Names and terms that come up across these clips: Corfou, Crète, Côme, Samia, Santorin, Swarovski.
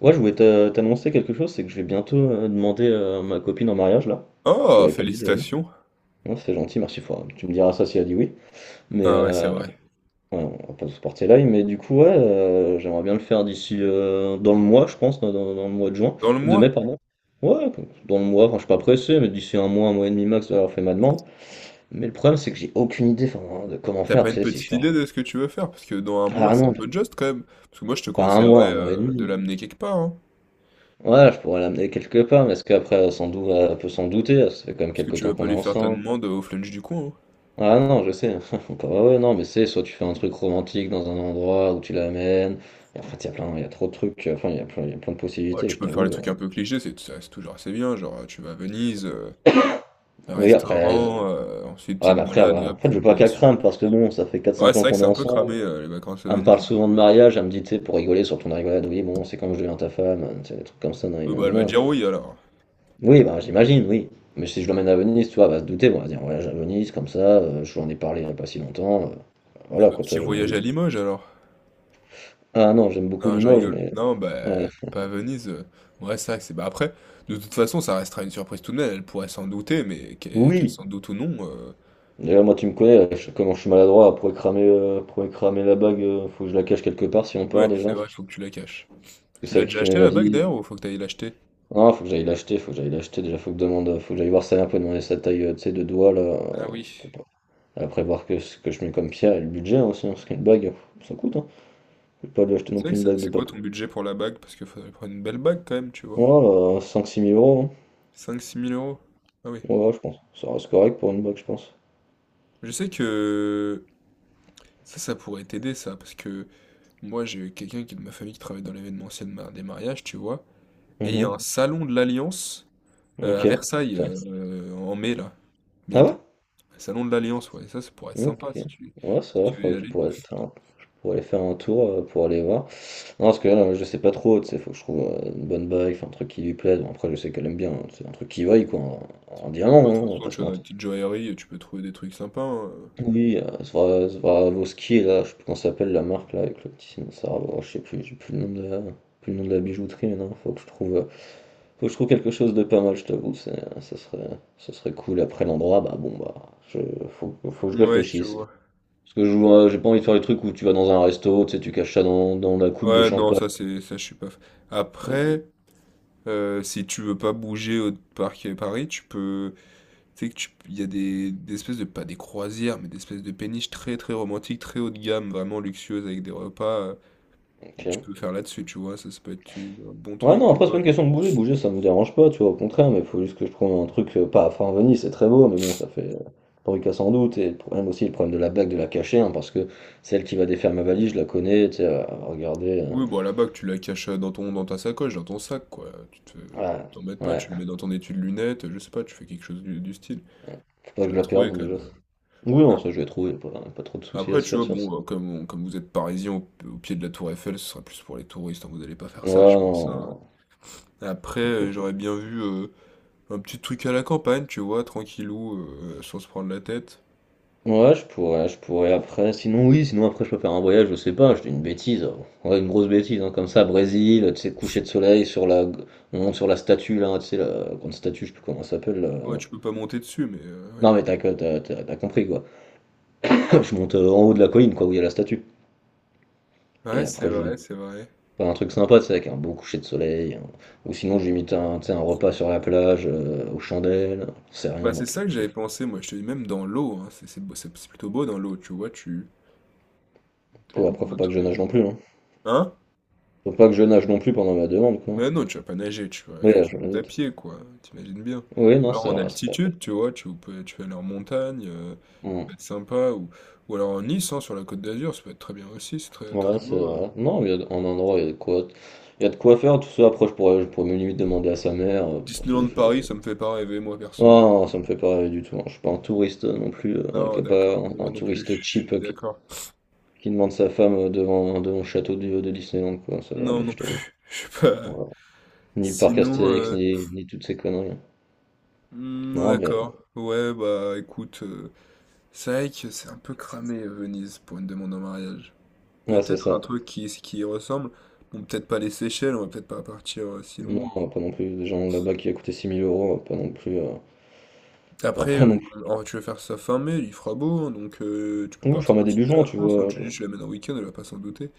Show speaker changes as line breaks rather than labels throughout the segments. Ouais, je voulais t'annoncer quelque chose, c'est que je vais bientôt demander ma copine en mariage là. Je te
Oh,
l'avais pas dit d'ailleurs.
félicitations.
Non, c'est gentil, merci. Tu me diras ça si elle dit oui. Mais
Ah ouais, c'est
ouais,
vrai.
on va pas se porter l'œil. Mais du coup, ouais, j'aimerais bien le faire d'ici dans le mois, je pense, dans le mois de juin,
Dans le
de
mois,
mai, pardon. Ouais, dans le mois. Enfin, je suis pas pressé, mais d'ici un mois et demi max, d'avoir fait ma demande. Mais le problème, c'est que j'ai aucune idée, enfin, de comment
t'as
faire.
pas
Tu
une
sais, si je
petite
suis
idée de ce que tu veux faire? Parce que dans un mois,
ah
c'est un
non,
peu juste quand même. Parce que moi, je te
pas un mois,
conseillerais
un mois et
de
demi.
l'amener quelque part, hein.
Ouais, je pourrais l'amener quelque part, mais est-ce qu'après, elle elle peut s'en douter? Ça fait quand même
Parce que
quelques
tu
temps
vas pas
qu'on est
aller faire ta
ensemble.
demande au flunch du coin, hein.
Ah non, je sais. Ah ouais, non, mais c'est soit tu fais un truc romantique dans un endroit où tu l'amènes. Et en fait, il y a trop de trucs. Enfin, il y a plein de
Ouais,
possibilités,
tu
je
peux faire les
t'avoue.
trucs un peu clichés, c'est ça reste toujours assez bien. Genre, tu vas à Venise, un
Oui, après,
restaurant, ensuite
ouais,
petite
mais après, elle
balade, et
en
hop,
fait, je veux pas qu'elle
proposition.
crame parce que bon, ça fait quatre
Ouais,
cinq
c'est
ans
vrai que
qu'on
c'est
est
un peu cramé,
ensemble.
les vacances à
Elle me
Venise,
parle
du
souvent de
coup.
mariage, elle me dit, tu sais, pour rigoler sur ton rigolade, oui, bon, c'est quand je deviens ta femme, tu sais, des trucs comme ça, nanani,
Oui, bah, elle va
nanana.
dire oui, alors.
Oui, bah, j'imagine, oui. Mais si je l'emmène à Venise, tu vois, elle va se douter, bon, elle va dire voyage à Venise, comme ça, je lui en ai parlé il n'y a pas si longtemps.
Eh
Voilà,
bah,
quoi, tu
petit
vois, j'ai
voyage à
envie.
Limoges, alors.
Ah non, j'aime beaucoup
Non, je
Limoges,
rigole.
mais.
Non,
Ouais.
bah, pas à Venise, ouais, c'est vrai que c'est bah, après, de toute façon, ça restera une surprise tout de même, elle pourrait s'en douter, mais qu'elle
Oui!
s'en doute ou non,
D'ailleurs, moi, tu me connais, comment je suis maladroit, pour cramer la bague, faut que je la cache quelque part si on part
ouais,
déjà.
c'est vrai,
Parce
faut que tu la caches.
que
Tu l'as
celle qui
déjà
fait mes
acheté la bague
valises.
d'ailleurs ou faut que tu ailles l'acheter?
Non, faut que j'aille l'acheter, faut que j'aille l'acheter. Déjà, faut que, je demande, faut que j'aille voir ça un peu, demander sa taille, tu sais, de doigt, là.
Ah oui.
Pour pas- Après, voir que ce que je mets comme pierre et le budget hein, aussi, hein, parce qu'une bague, ça coûte, hein. Je vais pas lui acheter non
C'est vrai
plus
que
une
c'est
bague de.
c'est quoi ton budget pour la bague? Parce qu'il faudrait prendre une belle bague quand même, tu
Ouais,
vois?
bah, 5 000 ou 6 000 euros hein.
Cinq, six mille euros. Ah oui.
Ouais, ouais, je pense. Ça reste correct pour une box, je pense.
Je sais que ça pourrait t'aider ça, parce que moi, j'ai quelqu'un qui est de ma famille qui travaille dans l'événementiel de ma des mariages, tu vois? Et il y a
Mhm.
un salon de l'Alliance, à
Ok.
Versailles,
Ça.
en mai, là, bientôt.
Ah
Le Salon de l'Alliance, ouais, ça pourrait être
ouais?
sympa si
Ok.
tu,
Ouais, ça
si
va,
tu veux y
faudrait que
aller.
je pourrais aller faire un tour pour aller voir. Non, parce que là, je sais pas trop, tu sais, faut que je trouve une bonne bague, enfin, un truc qui lui plaise. Bon, après, je sais qu'elle aime bien, hein, c'est un truc qui vaille, quoi, un diamant,
Ouais, de
hein,
toute
on va
façon,
pas
tu
se
vas dans les
mentir.
petites joailleries, tu peux trouver des trucs sympas, hein.
Oui, Swarovski, là, je sais plus comment ça s'appelle la marque, là, avec le petit signe, ça, je sais plus, j'ai plus le nom de la, plus le nom de la bijouterie, mais non, faut que je trouve. Faut que je trouve quelque chose de pas mal, je t'avoue, ça serait cool. Après l'endroit, bah bon, bah, je, faut que je
Ouais, je
réfléchisse.
vois.
Parce que j'ai pas envie de faire les trucs où tu vas dans un resto, tu sais, tu caches ça dans la coupe de
Ouais, non,
champagne.
ça, c'est, ça, je suis pas. Après, si tu veux pas bouger au parc à Paris, tu peux. Tu sais que tu, il y a des espèces de, pas des croisières, mais des espèces de péniches très, très romantiques, très haut de gamme, vraiment luxueuses, avec des repas. Et
Ok.
tu peux faire là-dessus, tu vois, ça peut être un bon
Ouais,
truc,
non,
tu
après, c'est pas
vois.
une question de bouger, bouger, ça me dérange pas, tu vois, au contraire, mais faut juste que je trouve un truc, pas, enfin, Venise, c'est très beau, mais bon, ça fait bruit qu'à sans doute, et le problème aussi, le problème de la bague, de la cacher, hein, parce que celle qui va défaire ma valise, je la connais, tu sais, à regarder,
Oui, bon, à la bac, tu la caches dans ton, dans ta sacoche, dans ton sac, quoi. Tu te,
euh,
t'en mets
ouais,
pas,
ouais,
tu le mets dans ton étui de lunettes, je sais pas, tu fais quelque chose du style.
faut pas que
Tu
je
vas
la perde,
trouver
donc
quand
déjà.
même.
Oui, non,
Ah.
ça je vais trouver, pas, pas trop de soucis à
Après,
se
tu
faire
vois,
sur ça.
bon, comme, comme vous êtes parisien au pied de la tour Eiffel, ce sera plus pour les touristes, hein, vous allez pas faire
Ouais,
ça, je pense, hein.
non.
Après, j'aurais bien vu un petit truc à la campagne, tu vois, tranquillou, sans se prendre la tête.
Ouais, je pourrais après. Sinon, oui, sinon après, je peux faire un voyage, je sais pas, je dis une bêtise. Ouais, une grosse bêtise, hein, comme ça, Brésil, tu sais, coucher de soleil sur la, on monte sur la statue, là, tu sais, la grande statue, je sais plus comment elle s'appelle, là.
Ouais, tu peux pas monter dessus, mais ouais.
Non, mais t'as compris, quoi. Je monte en haut de la colline, quoi, où il y a la statue.
Ouais,
Et
c'est
après, je
vrai, c'est vrai.
faire un truc sympa, tu sais, avec un beau coucher de soleil. Hein. Ou sinon, j'imite un, tu sais, un repas sur la plage, aux chandelles, c'est rien,
Bah, c'est
donc.
ça que
je-
j'avais pensé, moi, je te dis, même dans l'eau, hein, c'est plutôt beau dans l'eau, tu vois, tu. Plus
Oh, après,
loin,
faut
un
pas que je nage
truc.
non plus, hein.
Hein?
Faut pas que je nage non plus pendant ma demande, quoi.
Ouais, non, tu vas pas nager, tu vas à
Oui,
quelque
là, je
chose
me
de à
doute.
pied, quoi. T'imagines bien.
Oui,
Ou
non,
alors
c'est
en
vrai, c'est vrai.
altitude, tu vois, tu peux, tu vas aller en montagne, ça
Hmm.
peut être sympa. Ou alors en Nice, hein, sur la Côte d'Azur, ça peut être très bien aussi, c'est très, très
Ouais, c'est
beau.
vrai. Non, en endroit, il y a de quoi, il y a de quoi faire. Tout ça, après, je pourrais même limite demander à sa mère. Pour
Disneyland Paris, ça me fait pas rêver, moi,
Non,
perso.
non, ça me fait pas rêver du tout. Hein. Je suis pas un touriste non plus,
Non,
qui a pas
d'accord,
un,
moi
un
non plus, je
touriste
je
cheap
suis d'accord.
qui demande sa femme devant le château de Disneyland, quoi. Ça va
Non,
aller,
non
je t'avoue.
plus, je sais pas.
Ouais. Ni le parc
Sinon,
Astérix, ni toutes ces conneries. Non, mais
d'accord. Ouais, bah écoute, c'est vrai que c'est un peu cramé, Venise, pour une demande en mariage.
ouais, c'est
Peut-être un
ça.
truc qui y ressemble. Bon, peut-être pas les Seychelles, on va peut-être pas partir si loin.
Non, pas non plus. Des gens là-bas qui a coûté 6 000 euros, pas non plus. Enfin,
Après,
pas non.
alors, tu vas faire ça fin mai, il fera beau, hein, donc tu peux
Oui,
partir dans
format
le
début
sud de
juin,
la
tu
France, hein.
vois?
Tu lui dis, je l'amène en week-end, elle va pas s'en douter.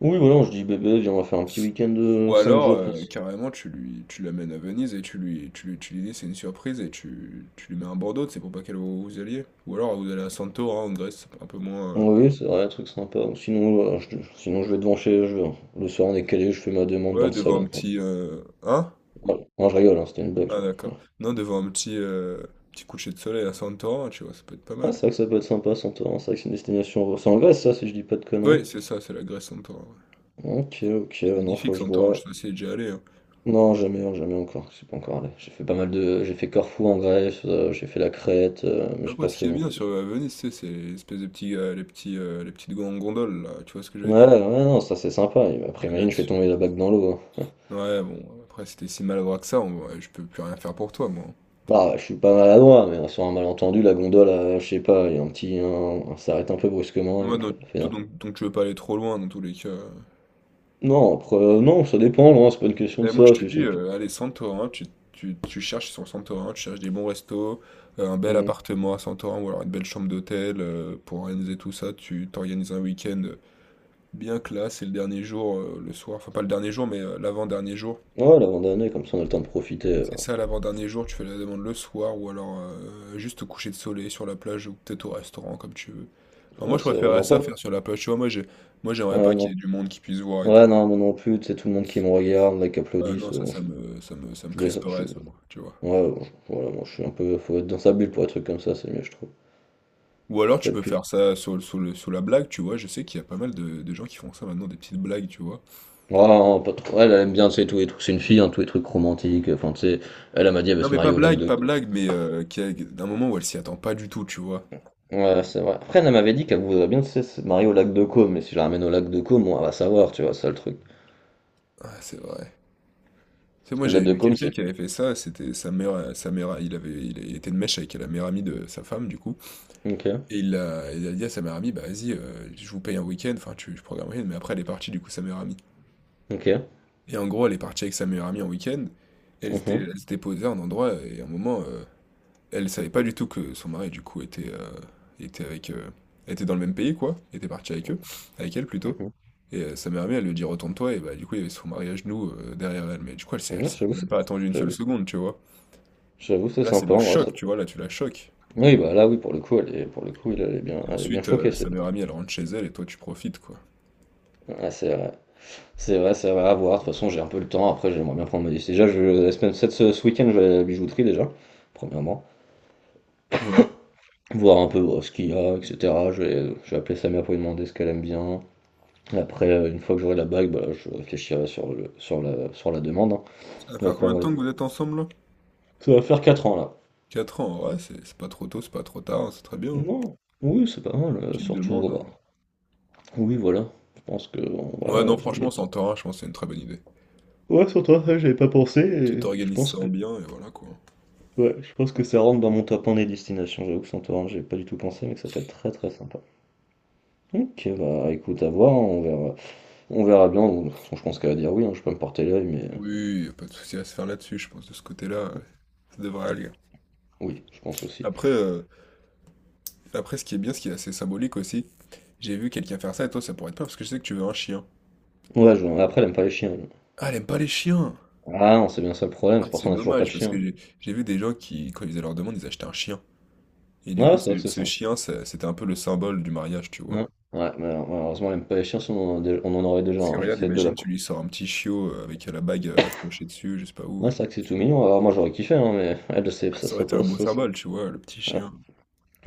Oui, voilà, je dis bébé, viens, on va faire un petit week-end de
Ou
5
alors,
jours
carrément, tu l'amènes à Venise et tu lui dis, c'est une surprise et tu lui mets un Bordeaux, c'est pour pas qu'elle voie où vous alliez. Ou alors, vous allez à Santorin en Grèce, un peu moins.
Oui, c'est vrai, un truc sympa. Sinon, voilà, sinon, je vais devant chez. Le soir, on est calé, je fais ma demande dans
Ouais,
le
devant un
salon.
petit. Hein?
Voilà. Non, je rigole, hein, c'était une blague.
Ah, d'accord. Non, devant un petit coucher de soleil à Santorin, tu vois, ça peut être pas
Ah,
mal.
c'est vrai que ça peut être sympa, Santorin. C'est vrai que c'est une destination. C'est en Grèce, ça, si je dis pas de conneries.
Ouais, c'est ça, c'est la Grèce Centaure, ouais.
Ok, ok,
C'est
non, faut
magnifique
que je
Santorin, hein, je
vois.
suis aussi déjà allé, hein.
Non, jamais, hein, jamais encore. Je suis pas encore allé. J'ai fait pas mal de. J'ai fait Corfou en Grèce, j'ai fait la Crète, mais j'ai
Après,
pas
ce qui
fait
est
non
bien sur
plus.
Venise, tu sais, c'est l'espèce de les petites gondoles, là, tu vois ce que je
Ouais,
veux dire?
ouais, non, ça c'est sympa. Après, imagine, je fais
Là-dessus.
tomber la bague dans l'eau. Hein.
Ouais, bon, après, si t'es si maladroit que ça, ouais, je peux plus rien faire pour toi, moi.
Ah, je suis pas maladroit, mais sur un malentendu, la gondole, je sais pas, il y a un petit, s'arrête un peu brusquement. Elle
Moi, non,
me fait- un-
donc, tu veux pas aller trop loin, dans tous les cas.
Non, après, non, ça dépend, loin, c'est pas une question de
Mais moi, je
ça,
te
c'est
dis,
juste
allez, Santorin, tu cherches sur Santorin, tu cherches des bons restos, un bel
une.
appartement à Santorin, ou alors une belle chambre d'hôtel, pour organiser tout ça, tu t'organises un week-end. Bien que là, c'est le dernier jour, le soir. Enfin, pas le dernier jour, mais l'avant-dernier jour.
Mm. Ouais, l'abandonner, comme ça on a le temps de profiter.
C'est ça, l'avant-dernier jour, tu fais la demande le soir ou alors juste au coucher de soleil sur la plage ou peut-être au restaurant, comme tu veux. Enfin, moi,
Ouais,
je
c'est vrai,
préférerais
non,
ça
pas.
faire sur la plage. Tu vois, moi, j'ai... Moi, j'aimerais
Ouais,
pas qu'il
non.
y ait du monde qui puisse voir et tout.
Ouais, non, moi non plus, tu sais, tout le monde qui me regarde, là, qui
Ah non,
applaudissent,
ça,
bon,
ça
je,
me, ça me, ça me
je les.
crisperait, ça, moi, tu vois.
Ouais, bon, voilà, moi je suis un peu. Faut être dans sa bulle pour un truc comme ça, c'est mieux, je trouve.
Ou alors, tu
Faut être
peux
plus.
faire ça sur la blague, tu vois. Je sais qu'il y a pas mal de gens qui font ça maintenant, des petites blagues, tu vois.
Ah, non, pas trop. Elle, elle aime bien, tu sais, tous les trucs. C'est une fille, hein, tous les trucs romantiques. Enfin, tu sais, elle, elle m'a dit, elle veut
Non,
se
mais pas
marier au lac
blague,
de.
pas blague, mais d'un moment où elle s'y attend pas du tout, tu vois.
Ouais, c'est vrai. Après, elle m'avait dit qu'elle voudrait bien tu se marier au lac de Côme, mais si je la ramène au lac de Côme, on va savoir, tu vois, ça le truc.
Ah, c'est vrai. Tu sais,
Parce
moi,
que le
j'ai
lac de
vu
Côme,
quelqu'un
c'est.
qui avait fait ça, c'était sa mère, il était de mèche avec la meilleure amie de sa femme, du coup,
Ok,
et il a dit à sa meilleure amie, bah vas-y, je vous paye un week-end, enfin, je programme un week-end, mais après, elle est partie, du coup, sa meilleure amie.
ok.
Et en gros, elle est partie avec sa meilleure amie en week-end, elle s'était,
Mhm,
elle s'était posée à un endroit, et à un moment, elle savait pas du tout que son mari, du coup, était était dans le même pays, quoi, était parti avec eux, avec elle, plutôt.
mhm.
Et sa meilleure amie, elle lui dit, retourne-toi, et bah, du coup, il y avait son mari à genoux derrière elle, mais du coup, elle s'est elle
Ouais,
s'est même pas attendue une seule
j'avoue, c'est-
seconde, tu vois.
j'avoue, c'est
Là, c'est
sympa
le
en vrai, ça.
choc, tu vois, là, tu la choques.
Oui, bah là, oui, pour le coup, elle est, pour le coup,
Et
elle est bien
ensuite,
choquée,
sa
c'est
meilleure amie, elle rentre chez elle et toi, tu profites, quoi.
ah, c'est vrai. C'est vrai, c'est vrai, à voir. De toute façon, j'ai un peu le temps. Après, j'aimerais bien prendre ma décision. Déjà, la semaine, cette, ce ce week-end, je vais à la bijouterie déjà, premièrement.
Ouais.
Voir un peu bon, ce qu'il y a, etc. Je vais appeler Samia pour lui demander ce qu'elle aime bien. Après, une fois que j'aurai la bague, bah, je réfléchirai sur la demande. Hein.
Ça va
Ça va
faire
faire,
combien de
ouais.
temps que vous êtes ensemble, là?
Ça va faire 4 ans là.
4 ans, ouais, c'est pas trop tôt, c'est pas trop tard, hein, c'est très bien, hein.
Non, oui, c'est pas mal,
Tu te
surtout.
demandes, hein.
Oui, voilà. Je pense que.
Ouais, non,
Voilà,
franchement, sans tort, hein, je pense que c'est une très bonne idée.
Ouais, sur toi, ça, j'avais pas pensé.
Tu
Et je
t'organises
pense
ça
que.
en bien, et voilà, quoi.
Ouais, je pense que ça rentre dans mon top 1 des destinations. J'avoue que sans toi, hein, j'avais pas du tout pensé, mais que ça peut être très très sympa. Ok, bah écoute, à voir, hein, on verra bien. De toute façon, je pense qu'elle va dire oui, hein, je peux me porter l'œil, mais
Oui, y a pas de souci à se faire là-dessus, je pense, de ce côté-là, ouais, ça devrait aller.
oui, je pense aussi.
Après, euh, après, ce qui est bien, ce qui est assez symbolique aussi, j'ai vu quelqu'un faire ça, et toi, ça pourrait être pas, parce que je sais que tu veux un chien.
Ouais, après, elle aime pas les chiens. Elle.
Ah, elle aime pas les chiens!
Ah non, c'est bien ça le problème,
Ah,
c'est pour
c'est
ça qu'on a toujours pas
dommage
de
parce
chien.
que j'ai vu des gens qui, quand ils faisaient leur demande, ils achetaient un chien. Et du
Ouais,
coup,
c'est vrai que
ce,
c'est
ce
simple.
chien, c'était un peu le symbole du mariage, tu
Ouais,
vois.
ouais, mal- malheureusement, même pas les chiens, sinon on en aurait déjà
Parce que
un.
regarde,
J'essaie de la
imagine, tu
couper.
lui sors un petit chiot avec la bague accrochée dessus, je sais pas où.
Ouais,
euh.
c'est vrai que c'est tout mignon. Alors, moi, j'aurais kiffé, hein, mais elle, je sais,
Ah,
ça
ça aurait
sera
été un
pas,
beau
ça sera...
symbole, tu vois, le petit
Ouais.
chien.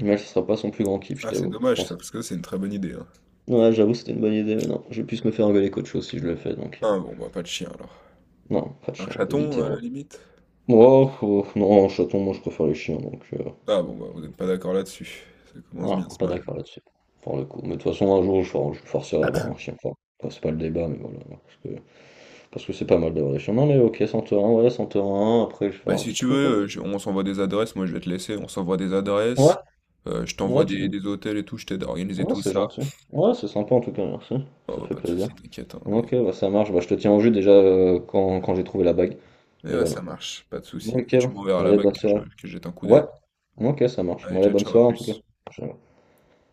Mais ça sera pas son plus grand kiff, je
Ah, c'est
t'avoue. Je
dommage
pense.
ça, parce que c'est une très bonne idée, hein.
Ouais, j'avoue, c'était une bonne idée, mais non, je vais plus me faire engueuler qu'autre chose si je le fais, donc.
Ah bon, bah pas de chien alors.
Non, pas de
Un
chien, on va
chaton,
éviter.
à
Hein.
la limite?
Oh, oh, non, chaton, moi, je préfère les chiens, donc.
Ah bon, bah vous n'êtes pas d'accord là-dessus. Ça commence
Voilà,
bien ce
pas d'accord
mariage.
là-dessus, pour le coup. Mais de toute façon, un jour, je forcerai à avoir un chien fort. Enfin, c'est pas le débat, mais voilà. Parce que c'est pas mal d'avoir des chemins, mais ok, Santorin, ouais, Santorin, après je vais faire
Bah
un
si
petit
tu
truc, ouais.
veux, on s'envoie des adresses, moi je vais te laisser, on s'envoie des
Ouais,
adresses. Je t'envoie
ouais, tu
des,
me dis.
des hôtels et tout, je t'aide à organiser
Ouais,
tout
c'est
ça.
gentil. Ouais, c'est sympa en tout cas, merci.
Oh
Ça
bah
fait
pas de soucis
plaisir.
t'inquiète, hein, et
Ok, bah, ça marche, bah, je te tiens au jus déjà quand j'ai trouvé la bague.
et
Et
ouais,
voilà.
ça marche, pas de souci.
Ok,
Et tu m'enverras la
allez,
bague
bonne
que je
soirée.
que jette un coup
Ouais,
d'œil.
ok, ça marche. Bon,
Allez,
allez,
ciao,
bonne
ciao, à
soirée en tout cas.
plus.
Ciao.